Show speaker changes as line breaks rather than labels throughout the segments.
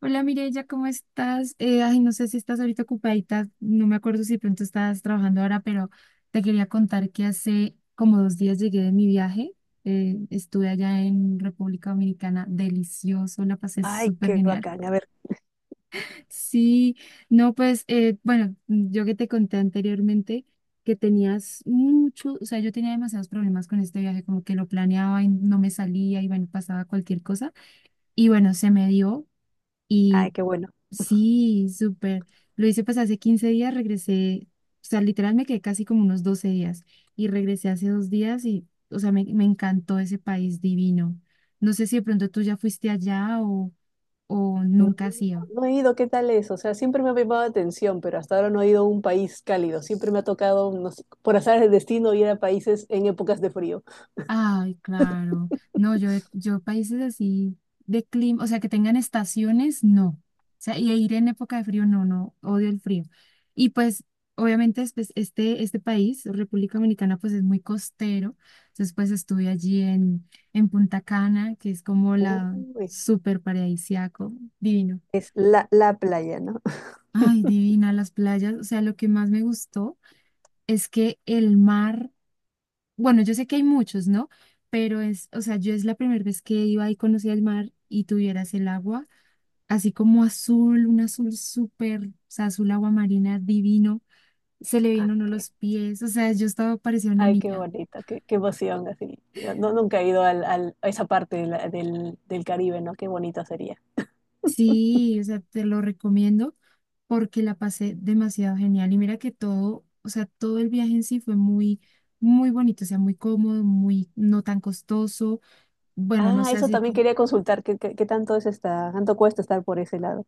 Hola Mireya, ¿cómo estás? No sé si estás ahorita ocupadita, no me acuerdo si de pronto estás trabajando ahora, pero te quería contar que hace como 2 días llegué de mi viaje. Estuve allá en República Dominicana, delicioso, la pasé
Ay,
súper
qué
genial.
bacán. A ver,
Sí, no, pues, bueno, yo que te conté anteriormente que tenías mucho, o sea, yo tenía demasiados problemas con este viaje, como que lo planeaba y no me salía y bueno, pasaba cualquier cosa. Y bueno, se me dio.
ay,
Y
qué bueno.
sí, súper. Lo hice pues hace 15 días, regresé, o sea, literal me quedé casi como unos 12 días y regresé hace 2 días y, o sea, me encantó ese país divino. No sé si de pronto tú ya fuiste allá o nunca has ido.
No he ido, ¿qué tal es? O sea, siempre me ha llamado la atención, pero hasta ahora no he ido a un país cálido. Siempre me ha tocado, no sé, por azar del destino, ir a países en épocas de frío.
Ay, claro. No, yo, yo países así de clima, o sea, que tengan estaciones, no. O sea, y ir en época de frío, no, no, odio el frío. Y pues, obviamente, pues, este país, República Dominicana, pues es muy costero. Entonces, pues estuve allí en, Punta Cana, que es como la
Uy,
súper paradisiaco, divino.
es la playa, ¿no?
Ay, divina las playas. O sea, lo que más me gustó es que el mar. Bueno, yo sé que hay muchos, ¿no? Pero es, o sea, yo es la primera vez que iba y conocía el mar y tuvieras el agua, así como azul, un azul súper, o sea, azul agua marina divino, se le
Ay,
veían a uno los pies, o sea, yo estaba parecía una
qué
niña.
bonito, qué emoción, así. No, nunca he ido a esa parte de del Caribe, ¿no? Qué bonito sería.
Sí, o sea, te lo recomiendo porque la pasé demasiado genial y mira que todo, o sea, todo el viaje en sí fue muy, muy bonito, o sea, muy cómodo, muy, no tan costoso, bueno, no
Ah,
sé,
eso
así
también
como...
quería consultar. ¿Qué tanto es tanto cuesta estar por ese lado?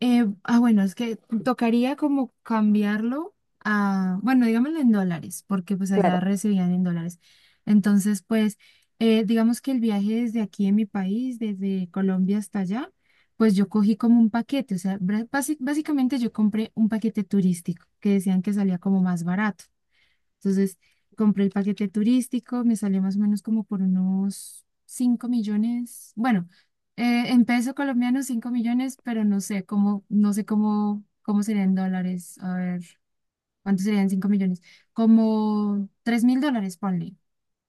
Bueno, es que tocaría como cambiarlo a, bueno, digámoslo en dólares, porque pues allá
Claro.
recibían en dólares. Entonces, pues, digamos que el viaje desde aquí en mi país, desde Colombia hasta allá, pues yo cogí como un paquete, o sea, básicamente yo compré un paquete turístico que decían que salía como más barato. Entonces, compré el paquete turístico, me salió más o menos como por unos 5 millones, bueno, en peso colombiano 5 millones, pero no sé cómo, cómo serían dólares, a ver, ¿cuánto serían 5 millones? Como $3.000, ponle.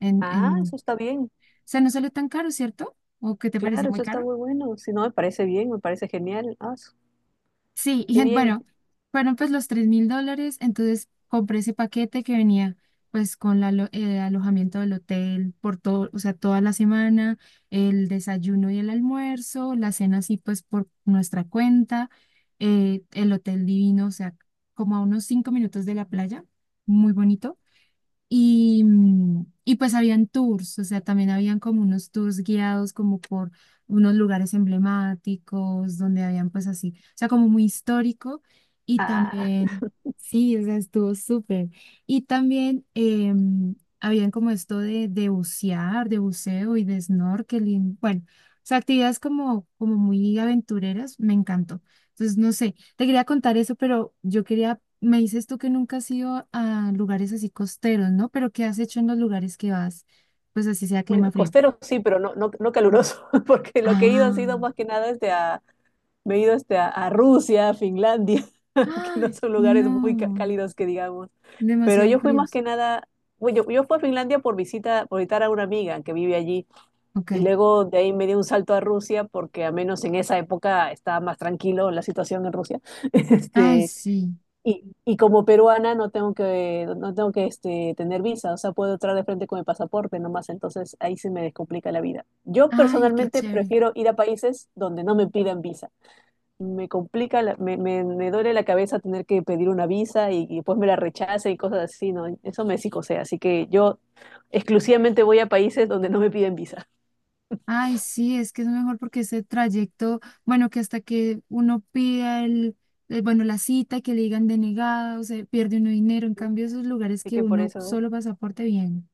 En,
Ah, eso
en,
está bien.
o sea, no salió tan caro, ¿cierto? ¿O qué te parece
Claro,
muy
eso está
caro?
muy bueno. Si no, me parece bien, me parece genial. Ah, su-
Sí, y
qué bien.
bueno, fueron pues los $3.000, entonces compré ese paquete que venía pues con la el alojamiento del hotel por todo, o sea, toda la semana, el desayuno y el almuerzo, la cena así pues por nuestra cuenta, el hotel divino, o sea, como a unos 5 minutos de la playa, muy bonito. Y pues habían tours, o sea, también habían como unos tours guiados como por unos lugares emblemáticos, donde habían pues así, o sea, como muy histórico. Y
Ah,
también, sí, o sea, estuvo súper. Y también habían como esto de, bucear, de buceo y de snorkeling. Bueno, o sea, actividades como muy aventureras, me encantó. Entonces, no sé. Te quería contar eso, pero yo quería, me dices tú que nunca has ido a lugares así costeros, ¿no? Pero ¿qué has hecho en los lugares que vas? Pues así sea
bueno,
clima frío.
costero sí, pero no, no, no caluroso, porque lo que he ido ha sido
Ah,
más que nada desde a. Me he ido a Rusia, a Finlandia, que no
ay,
son lugares
no,
muy cálidos que digamos. Pero
demasiado
yo fui más
fríos.
que nada, bueno, yo fui a Finlandia por visita, por visitar a una amiga que vive allí.
Ok.
Y luego de ahí me di un salto a Rusia porque al menos en esa época estaba más tranquilo la situación en Rusia.
Ay,
Este,
sí.
y como peruana no tengo que tener visa, o sea, puedo entrar de frente con mi pasaporte nomás, entonces ahí se me descomplica la vida. Yo
Ay, qué
personalmente
chévere.
prefiero ir a países donde no me pidan visa. Me duele la cabeza tener que pedir una visa y después me la rechace y cosas así, ¿no? Eso me psicosea, así que yo exclusivamente voy a países donde no me piden visa.
Ay, sí, es que es mejor porque ese trayecto, bueno, que hasta que uno pida el, bueno, la cita, y que le digan denegada, o sea, pierde uno dinero. En cambio, esos lugares
Así
que
que por
uno
eso,
solo pasaporte bien.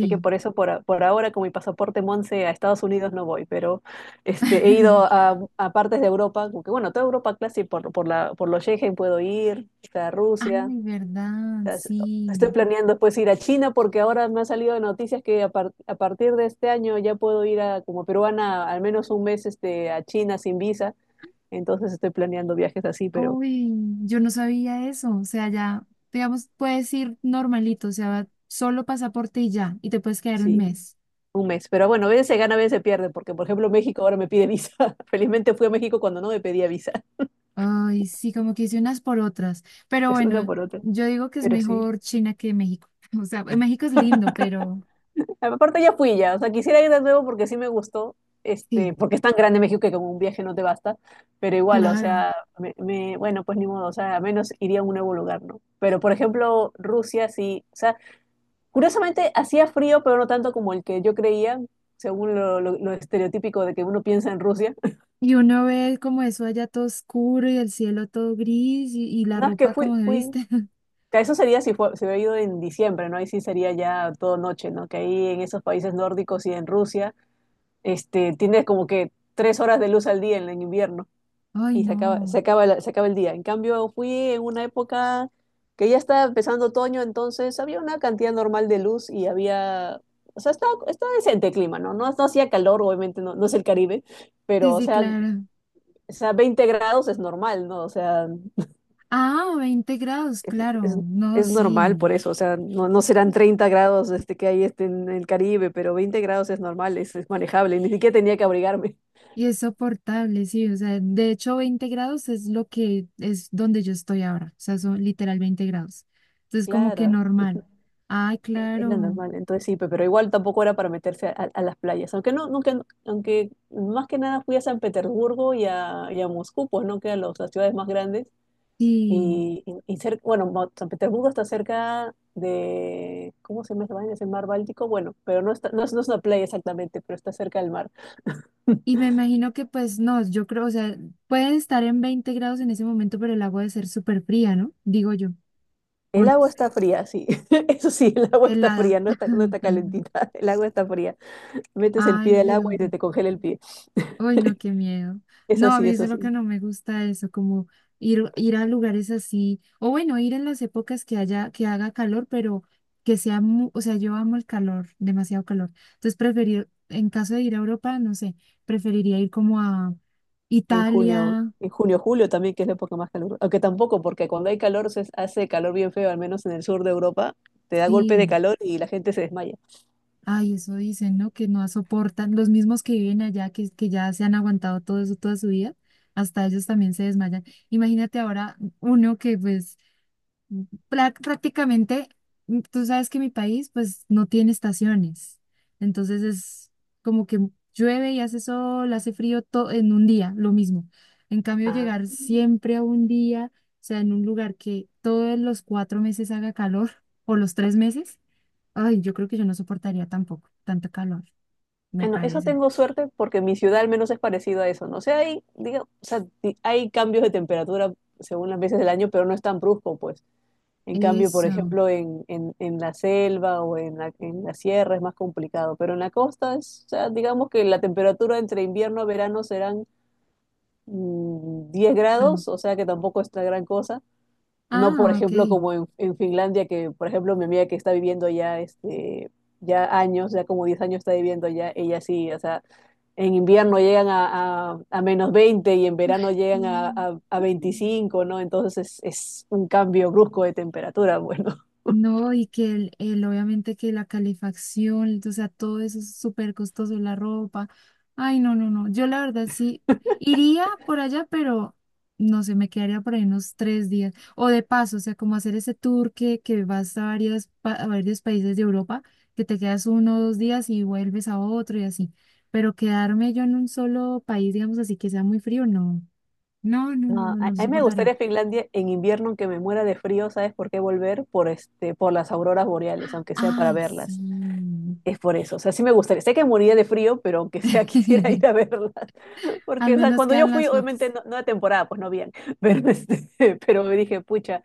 por ahora con mi pasaporte Monse a Estados Unidos no voy, pero he ido a partes de Europa, como que bueno, toda Europa clásica por, por los Schengen puedo ir, hasta Rusia.
Ay, verdad,
As- Estoy
sí.
planeando pues ir a China porque ahora me ha salido de noticias que a partir de este año ya puedo ir como peruana al menos un mes a China sin visa. Entonces estoy planeando viajes así, pero
Uy, yo no sabía eso. O sea, ya, digamos, puedes ir normalito, o sea, solo pasaporte y ya, y te puedes quedar un
sí,
mes.
un mes. Pero bueno, a veces se gana, a veces se pierde, porque por ejemplo México ahora me pide visa. Felizmente fui a México cuando no me pedía visa.
Ay, sí, como que hice unas por otras. Pero
Es una
bueno,
por otra.
yo digo que es
Pero sí.
mejor China que México. O sea, México es lindo, pero
Aparte ya fui ya, o sea, quisiera ir de nuevo porque sí me gustó,
sí,
porque es tan grande México que con un viaje no te basta, pero igual, o
claro.
sea, bueno, pues ni modo, o sea, al menos iría a un nuevo lugar, ¿no? Pero por ejemplo, Rusia sí, o sea, curiosamente hacía frío, pero no tanto como el que yo creía, según lo estereotípico de que uno piensa en Rusia.
Y uno ve como eso allá todo oscuro y el cielo todo gris y, la
No, es
ropa como se viste.
que eso sería si fue, se hubiera ido en diciembre, ¿no? Ahí sí sería ya todo noche, ¿no? Que ahí en esos países nórdicos y en Rusia, tienes como que 3 horas de luz al día en el invierno.
Ay,
y se acaba, se
no.
acaba, la- se acaba el día. En cambio, fui en una época que ya estaba empezando otoño, entonces había una cantidad normal de luz y había, o sea, estaba decente el clima, ¿no? No, no hacía calor, obviamente, no, no es el Caribe, pero,
Sí,
o
sí,
sea,
claro.
o sea, 20 grados es normal, ¿no? O sea,
Ah, 20 grados, claro.
es,
No,
es
sí.
normal por eso, o sea, no, no serán 30 grados que hay en el Caribe, pero 20 grados es normal, es manejable, ni siquiera tenía que abrigarme.
Y es soportable, sí. O sea, de hecho, 20 grados es lo que es donde yo estoy ahora. O sea, son literal 20 grados. Entonces, como que
Claro,
normal. Ay,
es la
claro.
normal, entonces sí, pero igual tampoco era para meterse a las playas, aunque no, nunca, aunque más que nada fui a San Petersburgo y a Moscú, pues no que a las ciudades más grandes,
Sí.
y San Petersburgo está cerca de, ¿cómo se llama esa vaina? ¿Es el mar Báltico? Bueno, pero no, está, no, es, no es una playa exactamente, pero está cerca del mar.
Y me imagino que, pues, no, yo creo, o sea, puede estar en 20 grados en ese momento, pero el agua debe ser súper fría, ¿no? Digo yo. O
El
no
agua
sé.
está fría, sí, eso sí, el agua está
Helada.
fría, no está calentita, el agua está fría, metes el
Ay,
pie al
pero.
agua y se te congela el pie,
Ay, no, qué miedo.
eso
No, a
sí,
mí eso
eso
es lo que
sí.
no me gusta eso, como ir, ir a lugares así, o bueno, ir en las épocas que haya, que haga calor, pero que sea, o sea, yo amo el calor, demasiado calor. Entonces, preferir, en caso de ir a Europa, no sé, preferiría ir como a
En
Italia,
en junio, julio también, que es la época más calurosa. Aunque tampoco, porque cuando hay calor se hace calor bien feo, al menos en el sur de Europa, te da golpes de
sí.
calor y la gente se desmaya.
Ay, eso dicen, ¿no? Que no soportan, los mismos que viven allá, que ya se han aguantado todo eso toda su vida, hasta ellos también se desmayan. Imagínate ahora uno que pues prácticamente, tú sabes que mi país pues no tiene estaciones, entonces es como que llueve y hace sol, hace frío todo en un día, lo mismo. En cambio,
Ah,
llegar siempre a un día, o sea, en un lugar que todos los 4 meses haga calor o los 3 meses, ay, yo creo que yo no soportaría tampoco tanto calor, me
bueno, eso
parece.
tengo suerte porque mi ciudad al menos es parecido a eso, ¿no? O sea, hay, diga, o sea, di- hay cambios de temperatura según las veces del año, pero no es tan brusco, pues. En cambio, por
Eso.
ejemplo, en la selva o en la sierra es más complicado, pero en la costa, o sea, digamos que la temperatura entre invierno y verano serán 10
Bueno.
grados, o sea que tampoco es la gran cosa. No, por
Ah, ok.
ejemplo, como en Finlandia, que por ejemplo mi amiga que está viviendo allá, ya como 10 años está viviendo allá, ella sí, o sea, en invierno llegan a -20 y en verano
Ush,
llegan
mm.
a 25, ¿no? Entonces es un cambio brusco de temperatura, bueno.
No, y que el, obviamente que la calefacción, o sea, todo eso es súper costoso, la ropa. Ay, no, no, no. Yo la verdad sí iría por allá, pero no sé, me quedaría por ahí unos 3 días. O de paso, o sea, como hacer ese tour que vas a, varias, a varios países de Europa, que te quedas uno o dos días y vuelves a otro y así. Pero quedarme yo en un solo país, digamos así, que sea muy frío, no. No, no, no,
No,
no,
a,
no lo
a mí me
soportaría.
gustaría Finlandia en invierno, aunque me muera de frío, ¿sabes por qué volver? Por las auroras boreales, aunque sea para
Ay,
verlas.
sí.
Es por eso, o sea, sí me gustaría. Sé que moriría de frío, pero aunque sea quisiera ir a verla. Porque,
Al
o sea,
menos
cuando yo
quedan
fui,
las fotos.
obviamente no, no de temporada, pues no bien. Pero, pero me dije, pucha,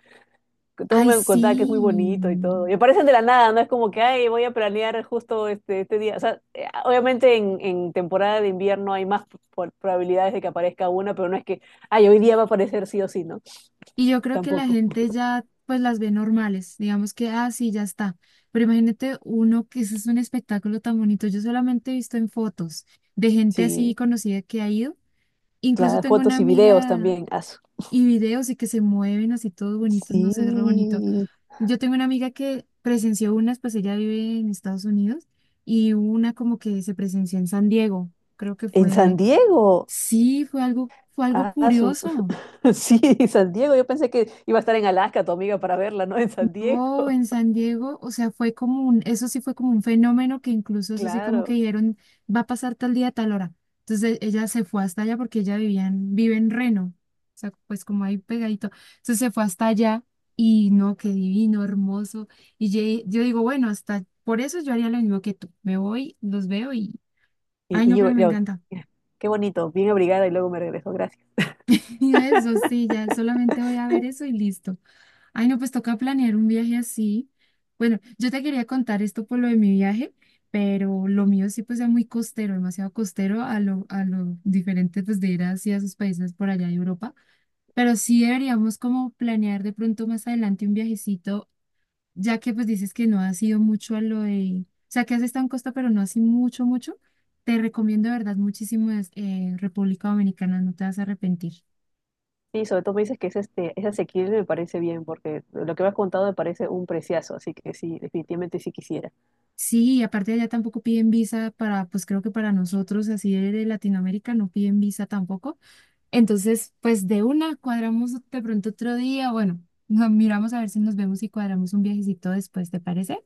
todo
Ay,
me contaba que es muy bonito y todo.
sí.
Y aparecen de la nada, no es como que, ay, voy a planear justo este día. O sea, obviamente en temporada de invierno hay más probabilidades de que aparezca una, pero no es que, ay, hoy día va a aparecer sí o sí, ¿no?
Y yo creo que la
Tampoco.
gente ya pues las ve normales, digamos que, ah, sí, ya está. Pero imagínate uno que ese es un espectáculo tan bonito. Yo solamente he visto en fotos de gente así
Sí,
conocida que ha ido. Incluso
claro,
tengo una
fotos y videos
amiga
también. Asu.
y videos y que se mueven así todos bonitos, no sé, es re bonito.
Sí,
Yo tengo una amiga que presenció unas, pues ella vive en Estados Unidos y una como que se presenció en San Diego, creo que
en San
fue.
Diego.
Sí, fue algo
Ah, su.
curioso.
Sí, San Diego. Yo pensé que iba a estar en Alaska tu amiga para verla, ¿no? En San Diego.
No, en San Diego, o sea, fue como un, eso sí fue como un fenómeno que incluso eso sí como que
Claro.
dijeron, va a pasar tal día, tal hora. Entonces ella se fue hasta allá porque ella vivía en, vive en Reno, o sea, pues como ahí pegadito. Entonces se fue hasta allá y no, qué divino, hermoso. Y yo, digo, bueno, hasta por eso yo haría lo mismo que tú. Me voy, los veo y,
Y,
ay,
y
no,
yo,
pero me
yo,
encanta.
qué bonito, bien abrigada y luego me regreso. Gracias.
Y eso sí, ya solamente voy a ver eso y listo. Ay, no, pues toca planear un viaje así. Bueno, yo te quería contar esto por lo de mi viaje, pero lo mío sí pues era muy costero, demasiado costero a lo diferente pues de ir hacia esos países por allá de Europa. Pero sí deberíamos como planear de pronto más adelante un viajecito, ya que pues dices que no has ido mucho a lo de, o sea, que has estado en Costa, pero no así mucho, mucho. Te recomiendo de verdad muchísimo República Dominicana, no te vas a arrepentir.
Sí, sobre todo me dices que es asequible, me parece bien, porque lo que me has contado me parece un preciazo. Así que sí, definitivamente sí quisiera.
Sí, y aparte allá tampoco piden visa para, pues creo que para nosotros así de Latinoamérica no piden visa tampoco. Entonces, pues de una cuadramos de pronto otro día, bueno, nos miramos a ver si nos vemos y cuadramos un viajecito después, ¿te parece?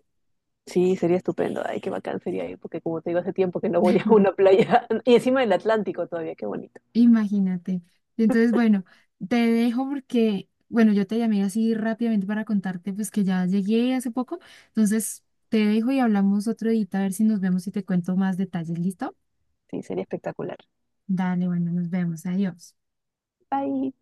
Sí, sería estupendo. Ay, qué bacán sería ir, porque como te digo, hace tiempo que no voy a una playa. Y encima del Atlántico todavía, qué bonito.
Imagínate. Entonces, bueno, te dejo porque, bueno, yo te llamé así rápidamente para contarte pues que ya llegué hace poco. Entonces, te dejo y hablamos otro día a ver si nos vemos y te cuento más detalles, ¿listo?
Sí, sería espectacular.
Dale, bueno, nos vemos. Adiós.
Bye.